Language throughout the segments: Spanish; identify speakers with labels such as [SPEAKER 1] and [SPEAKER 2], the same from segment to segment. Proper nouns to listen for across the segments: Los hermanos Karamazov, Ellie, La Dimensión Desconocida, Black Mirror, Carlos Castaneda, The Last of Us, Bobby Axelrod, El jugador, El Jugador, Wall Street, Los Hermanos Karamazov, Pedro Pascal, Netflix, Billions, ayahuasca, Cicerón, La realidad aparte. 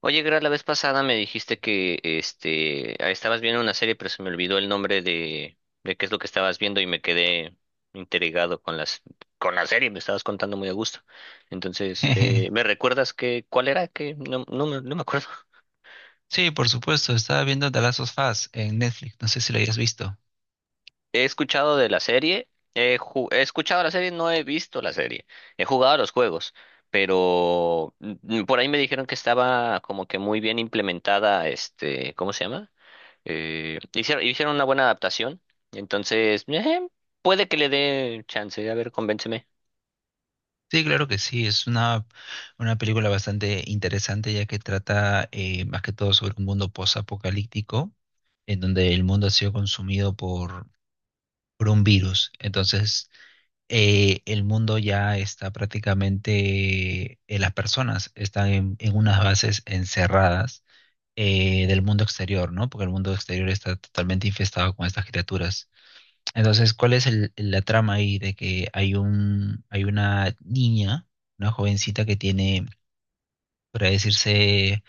[SPEAKER 1] Oye, Gra, la vez pasada me dijiste que estabas viendo una serie, pero se me olvidó el nombre de qué es lo que estabas viendo y me quedé intrigado con las con la serie, me estabas contando muy a gusto. Entonces,
[SPEAKER 2] Jeje.
[SPEAKER 1] ¿me recuerdas que cuál era? Que no, no, me no me acuerdo.
[SPEAKER 2] Sí, por supuesto, estaba viendo The Last of Us en Netflix, no sé si lo hayas visto.
[SPEAKER 1] He escuchado de la serie, he escuchado la serie, no he visto la serie. He jugado a los juegos, pero por ahí me dijeron que estaba como que muy bien implementada, este, ¿cómo se llama? Hicieron una buena adaptación. Entonces, puede que le dé chance. A ver, convénceme.
[SPEAKER 2] Sí, claro que sí, es una película bastante interesante ya que trata más que todo sobre un mundo posapocalíptico en donde el mundo ha sido consumido por un virus. Entonces, el mundo ya está prácticamente, las personas están en unas bases encerradas del mundo exterior, ¿no? Porque el mundo exterior está totalmente infestado con estas criaturas. Entonces, ¿cuál es la trama ahí de que hay hay una niña, una jovencita que tiene, por así decirse,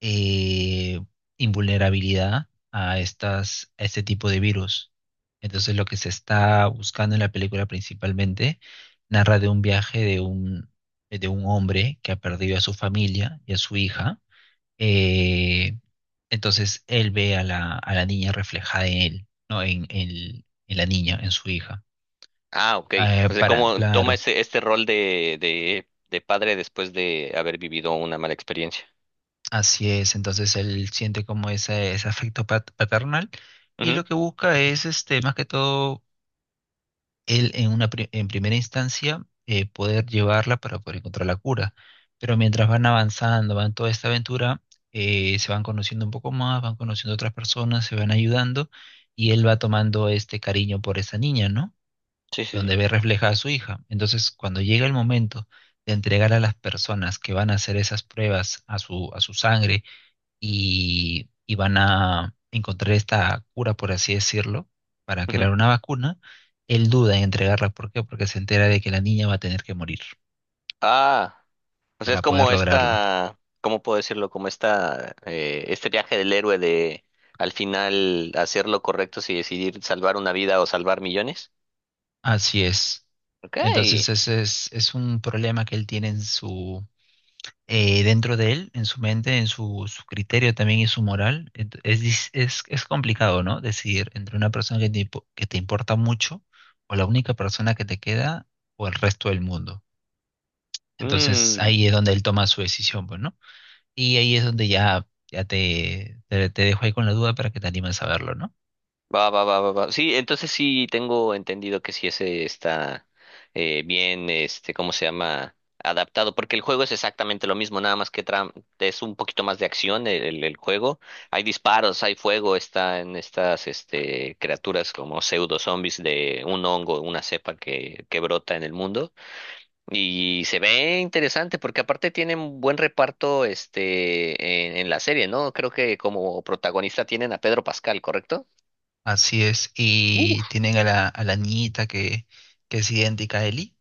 [SPEAKER 2] eh, invulnerabilidad a a este tipo de virus? Entonces, lo que se está buscando en la película principalmente narra de un viaje de de un hombre que ha perdido a su familia y a su hija. Eh, entonces, él ve a a la niña reflejada en él, ¿no? En, en la niña, en su hija.
[SPEAKER 1] Ah, ok. O sea,
[SPEAKER 2] Para,
[SPEAKER 1] cómo toma
[SPEAKER 2] claro,
[SPEAKER 1] este rol de, de padre después de haber vivido una mala experiencia.
[SPEAKER 2] así es. Entonces él siente como ese afecto paternal y
[SPEAKER 1] Ujú.
[SPEAKER 2] lo que busca es, este, más que todo, él en una en primera instancia poder llevarla para poder encontrar la cura. Pero mientras van avanzando, van toda esta aventura, se van conociendo un poco más, van conociendo otras personas, se van ayudando y él va tomando este cariño por esa niña, ¿no?
[SPEAKER 1] Sí, sí, sí.
[SPEAKER 2] Donde ve reflejada a su hija. Entonces, cuando llega el momento de entregar a las personas que van a hacer esas pruebas a a su sangre y van a encontrar esta cura, por así decirlo, para
[SPEAKER 1] Ujú.
[SPEAKER 2] crear una vacuna, él duda en entregarla. ¿Por qué? Porque se entera de que la niña va a tener que morir
[SPEAKER 1] Ah, o sea, es
[SPEAKER 2] para poder
[SPEAKER 1] como
[SPEAKER 2] lograrlo.
[SPEAKER 1] esta, ¿cómo puedo decirlo? Como esta, este viaje del héroe de al final hacer lo correcto si decidir salvar una vida o salvar millones.
[SPEAKER 2] Así es.
[SPEAKER 1] Ok.
[SPEAKER 2] Entonces, es un problema que él tiene en su, dentro de él, en su mente, en su criterio también y su moral. Es, es complicado, ¿no? Decidir entre una persona que te, que te importa mucho o la única persona que te queda o el resto del mundo. Entonces
[SPEAKER 1] Mm.
[SPEAKER 2] ahí es donde él toma su decisión, pues, ¿no? Y ahí es donde ya, ya te, te dejo ahí con la duda para que te animes a verlo, ¿no?
[SPEAKER 1] Va, va, va, va, va. Sí, entonces sí tengo entendido que sí ese está bien, este, ¿cómo se llama? Adaptado, porque el juego es exactamente lo mismo, nada más que es un poquito más de acción el juego. Hay disparos, hay fuego, están estas este, criaturas como pseudo zombies de un hongo, una cepa que brota en el mundo. Y se ve interesante porque aparte tienen buen reparto este, en la serie, ¿no? Creo que como protagonista tienen a Pedro Pascal, ¿correcto?
[SPEAKER 2] Así es. Y tienen a a la niñita que es idéntica a Ellie.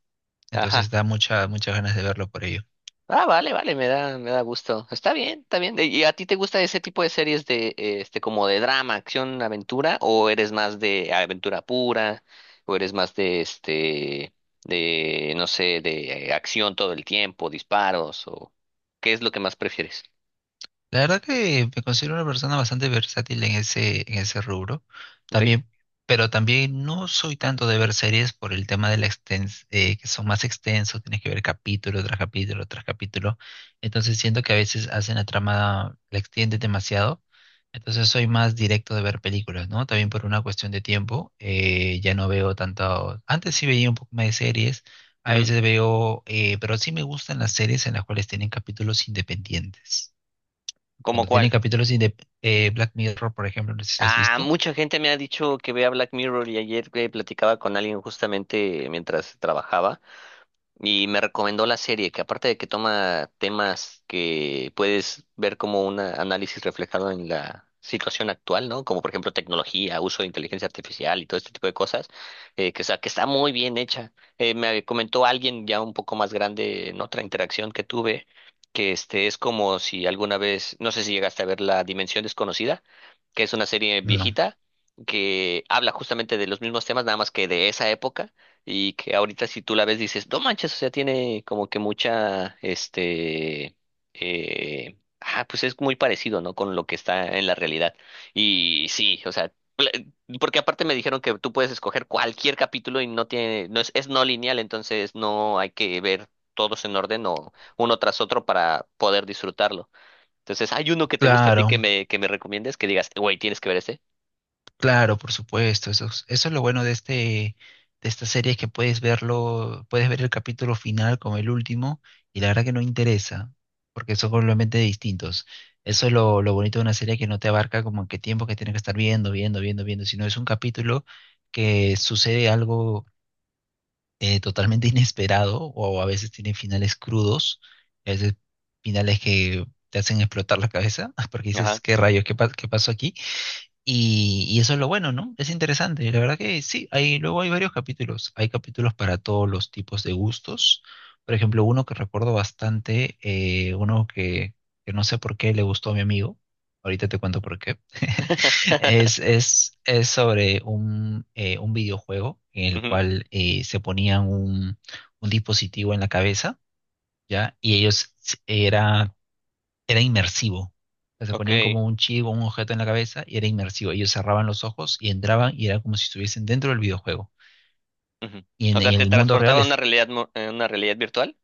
[SPEAKER 2] Entonces
[SPEAKER 1] Ajá.
[SPEAKER 2] da mucha, muchas ganas de verlo por ello.
[SPEAKER 1] Ah, vale, vale, me da gusto. Está bien, está bien. ¿Y a ti te gusta ese tipo de series de, este, como de drama, acción, aventura, o eres más de aventura pura, o eres más de, este, de, no sé, de acción todo el tiempo, disparos, o qué es lo que más prefieres?
[SPEAKER 2] La verdad que me considero una persona bastante versátil en ese rubro.
[SPEAKER 1] ¿Ok?
[SPEAKER 2] También, pero también no soy tanto de ver series por el tema de la extens que son más extensos, tienes que ver capítulo tras capítulo tras capítulo. Entonces siento que a veces hacen la trama, la extiende demasiado. Entonces soy más directo de ver películas, ¿no? También por una cuestión de tiempo, ya no veo tanto. Antes sí veía un poco más de series, a
[SPEAKER 1] Ujú.
[SPEAKER 2] veces veo, pero sí me gustan las series en las cuales tienen capítulos independientes.
[SPEAKER 1] ¿Cómo
[SPEAKER 2] Cuando tienen
[SPEAKER 1] cuál?
[SPEAKER 2] capítulos de Black Mirror, por ejemplo, no sé si has
[SPEAKER 1] Ah,
[SPEAKER 2] visto.
[SPEAKER 1] mucha gente me ha dicho que vea Black Mirror y ayer platicaba con alguien justamente mientras trabajaba. Y me recomendó la serie, que aparte de que toma temas que puedes ver como un análisis reflejado en la situación actual, ¿no? Como por ejemplo tecnología, uso de inteligencia artificial y todo este tipo de cosas, o sea, que está muy bien hecha. Me comentó alguien ya un poco más grande en otra interacción que tuve, que este es como si alguna vez, no sé si llegaste a ver La Dimensión Desconocida, que es una serie
[SPEAKER 2] No.
[SPEAKER 1] viejita que habla justamente de los mismos temas, nada más que de esa época y que ahorita si tú la ves dices, no manches, o sea, tiene como que mucha, este, pues es muy parecido, ¿no? Con lo que está en la realidad. Y sí, o sea, pl- porque aparte me dijeron que tú puedes escoger cualquier capítulo y no tiene, es no lineal, entonces no hay que ver todos en orden o uno tras otro para poder disfrutarlo. Entonces, ¿hay uno que te guste a ti
[SPEAKER 2] Claro,
[SPEAKER 1] que que me recomiendes? Que digas, güey, tienes que ver ese.
[SPEAKER 2] claro, por supuesto. Eso, eso es lo bueno de este, de esta serie, es que puedes verlo, puedes ver el capítulo final como el último, y la verdad que no interesa, porque son completamente distintos. Eso es lo bonito de una serie que no te abarca como en qué tiempo que tienes que estar viendo, viendo, viendo, viendo, sino es un capítulo que sucede algo totalmente inesperado o a veces tiene finales crudos, a veces finales que te hacen explotar la cabeza porque dices,
[SPEAKER 1] Ajá.
[SPEAKER 2] ¿qué rayos? ¿Qué, qué pasó aquí? Y eso es lo bueno, ¿no? Es interesante. La verdad que sí, hay, luego hay varios capítulos. Hay capítulos para todos los tipos de gustos. Por ejemplo, uno que recuerdo bastante, uno que no sé por qué le gustó a mi amigo. Ahorita te cuento por qué. Es sobre un videojuego en el
[SPEAKER 1] Ujú.
[SPEAKER 2] cual se ponían un dispositivo en la cabeza, ¿ya? Y ellos era era inmersivo. O sea, se
[SPEAKER 1] Ok.
[SPEAKER 2] ponían como un chip o un objeto en la cabeza y era inmersivo. Ellos cerraban los ojos y entraban y era como si estuviesen dentro del videojuego.
[SPEAKER 1] Ujú.
[SPEAKER 2] Y
[SPEAKER 1] O
[SPEAKER 2] en
[SPEAKER 1] sea, te
[SPEAKER 2] el mundo real
[SPEAKER 1] transportaba a una
[SPEAKER 2] es
[SPEAKER 1] realidad, una realidad virtual.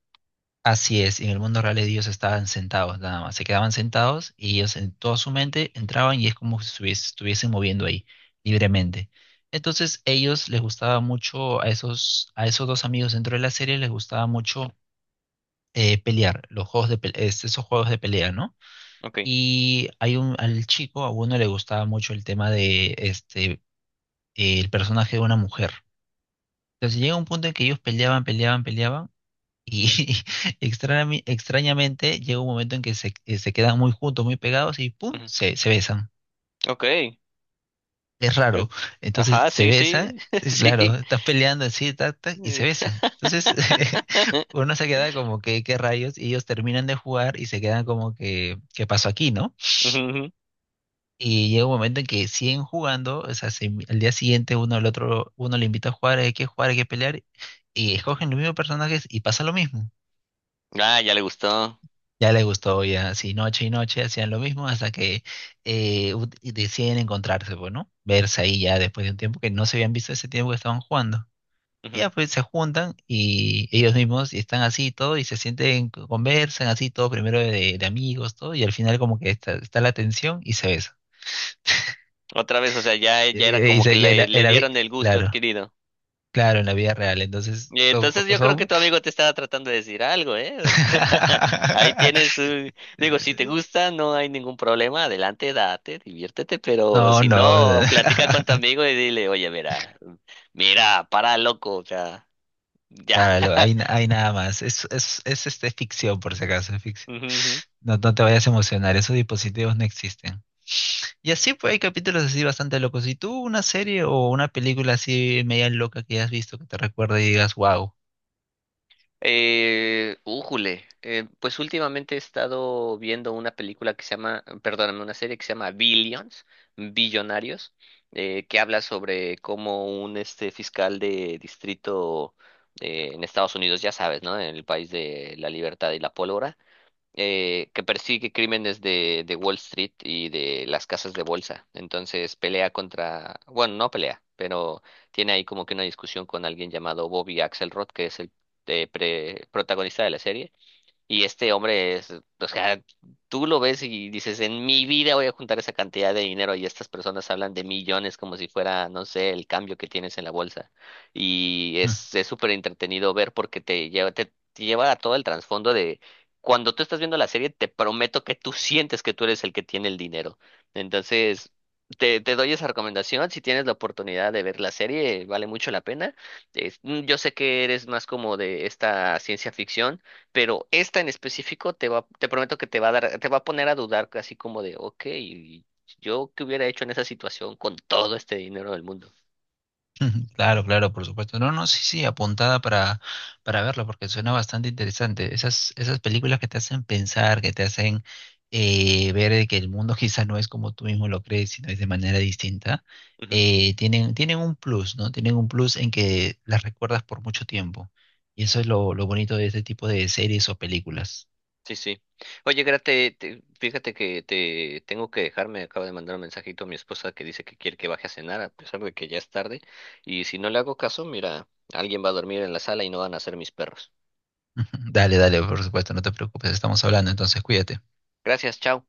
[SPEAKER 2] así es, en el mundo real ellos estaban sentados nada más, se quedaban sentados y ellos en toda su mente entraban y es como si estuviesen moviendo ahí libremente. Entonces ellos les gustaba mucho a esos dos amigos dentro de la serie les gustaba mucho pelear, los juegos de esos juegos de pelea, ¿no?
[SPEAKER 1] Ok.
[SPEAKER 2] Y hay un, al chico, a uno le gustaba mucho el tema de este, el personaje de una mujer. Entonces llega un punto en que ellos peleaban, peleaban, peleaban. Y extrañamente llega un momento en que se, se quedan muy juntos, muy pegados y ¡pum!
[SPEAKER 1] Ujú.
[SPEAKER 2] Se besan.
[SPEAKER 1] Ok.
[SPEAKER 2] Es raro. Entonces
[SPEAKER 1] Ajá,
[SPEAKER 2] se
[SPEAKER 1] sí, sí,
[SPEAKER 2] besan, claro,
[SPEAKER 1] sí.
[SPEAKER 2] estás peleando así, tac, tac, y se
[SPEAKER 1] Eh,
[SPEAKER 2] besan. Entonces uno se queda como que, ¿qué rayos? Y ellos terminan de jugar y se quedan como que, ¿qué pasó aquí, no?
[SPEAKER 1] ujú, ujú.
[SPEAKER 2] Y llega un momento en que siguen jugando, o sea, al día siguiente uno al otro, uno le invita a jugar, hay que pelear, y escogen los mismos personajes y pasa lo mismo.
[SPEAKER 1] Ah, ya le gustó.
[SPEAKER 2] Ya les gustó, ya, así noche y noche hacían lo mismo hasta que y deciden encontrarse, pues, ¿no? Verse ahí ya después de un tiempo que no se habían visto ese tiempo que estaban jugando. Y
[SPEAKER 1] Ujú.
[SPEAKER 2] ya pues se juntan y ellos mismos y están así y todo y se sienten, conversan así todo, primero de amigos, todo, y al final como que está, está la tensión y se besan.
[SPEAKER 1] Otra vez, o sea, ya, ya era
[SPEAKER 2] Y,
[SPEAKER 1] como que
[SPEAKER 2] y ahí
[SPEAKER 1] le
[SPEAKER 2] era,
[SPEAKER 1] dieron el gusto
[SPEAKER 2] claro.
[SPEAKER 1] adquirido.
[SPEAKER 2] Claro, en la vida real, entonces
[SPEAKER 1] Y
[SPEAKER 2] son...
[SPEAKER 1] entonces yo creo que
[SPEAKER 2] son...
[SPEAKER 1] tu amigo te estaba tratando de decir algo, ¿eh? O sea, ahí tienes un... Digo, si te gusta, no hay ningún problema, adelante, date, diviértete, pero
[SPEAKER 2] No,
[SPEAKER 1] si
[SPEAKER 2] no.
[SPEAKER 1] no, platica con tu amigo y dile, oye, mira, mira, para loco, o sea, ya.
[SPEAKER 2] Claro, hay, hay nada más. Es este, ficción, por si acaso, es ficción.
[SPEAKER 1] Ujú, ujú.
[SPEAKER 2] No, no te vayas a emocionar, esos dispositivos no existen. Y así, pues hay capítulos así bastante locos. ¿Y tú una serie o una película así media loca que hayas visto que te recuerde y digas, wow?
[SPEAKER 1] Újule, pues últimamente he estado viendo una película que se llama, perdóname, una serie que se llama Billions, Billonarios, que habla sobre cómo un este fiscal de distrito en Estados Unidos, ya sabes, ¿no? En el país de la libertad y la pólvora, que persigue crímenes de Wall Street y de las casas de bolsa. Entonces pelea contra, bueno, no pelea, pero tiene ahí como que una discusión con alguien llamado Bobby Axelrod, que es el protagonista de la serie y este hombre es, o sea, tú lo ves y dices, en mi vida voy a juntar esa cantidad de dinero y estas personas hablan de millones como si fuera, no sé, el cambio que tienes en la bolsa. Y es súper entretenido ver porque te lleva, te lleva a todo el trasfondo de cuando tú estás viendo la serie, te prometo que tú sientes que tú eres el que tiene el dinero. Entonces, te doy esa recomendación. Si tienes la oportunidad de ver la serie, vale mucho la pena. Es- mm, yo sé que eres más como de esta ciencia ficción pero esta en específico te prometo que te va a dar, te va a poner a dudar, así como de, ok, yo qué hubiera hecho en esa situación con todo este dinero del mundo.
[SPEAKER 2] Ujú, claro, claro, por supuesto. No, no, sí, sí, apuntada para verlo, porque suena bastante interesante. Esas, esas películas que te hacen pensar, que te hacen ver de que el mundo quizá no es como tú mismo lo crees, sino es de manera distinta,
[SPEAKER 1] Ujú,
[SPEAKER 2] tienen, tienen un plus, ¿no? Tienen un plus en que las recuerdas por mucho tiempo. Y eso es lo bonito de este tipo de series o películas.
[SPEAKER 1] sí, sí. Oye, Grate, fíjate que te tengo que dejar, me acaba de mandar un mensajito a mi esposa que dice que quiere que baje a cenar, a pesar de que ya es tarde, y si no le hago caso, mira, alguien va a dormir en la sala y no van a ser mis perros.
[SPEAKER 2] Ujú, dale, dale, por supuesto, no te preocupes, estamos hablando, entonces cuídate.
[SPEAKER 1] Gracias, chao.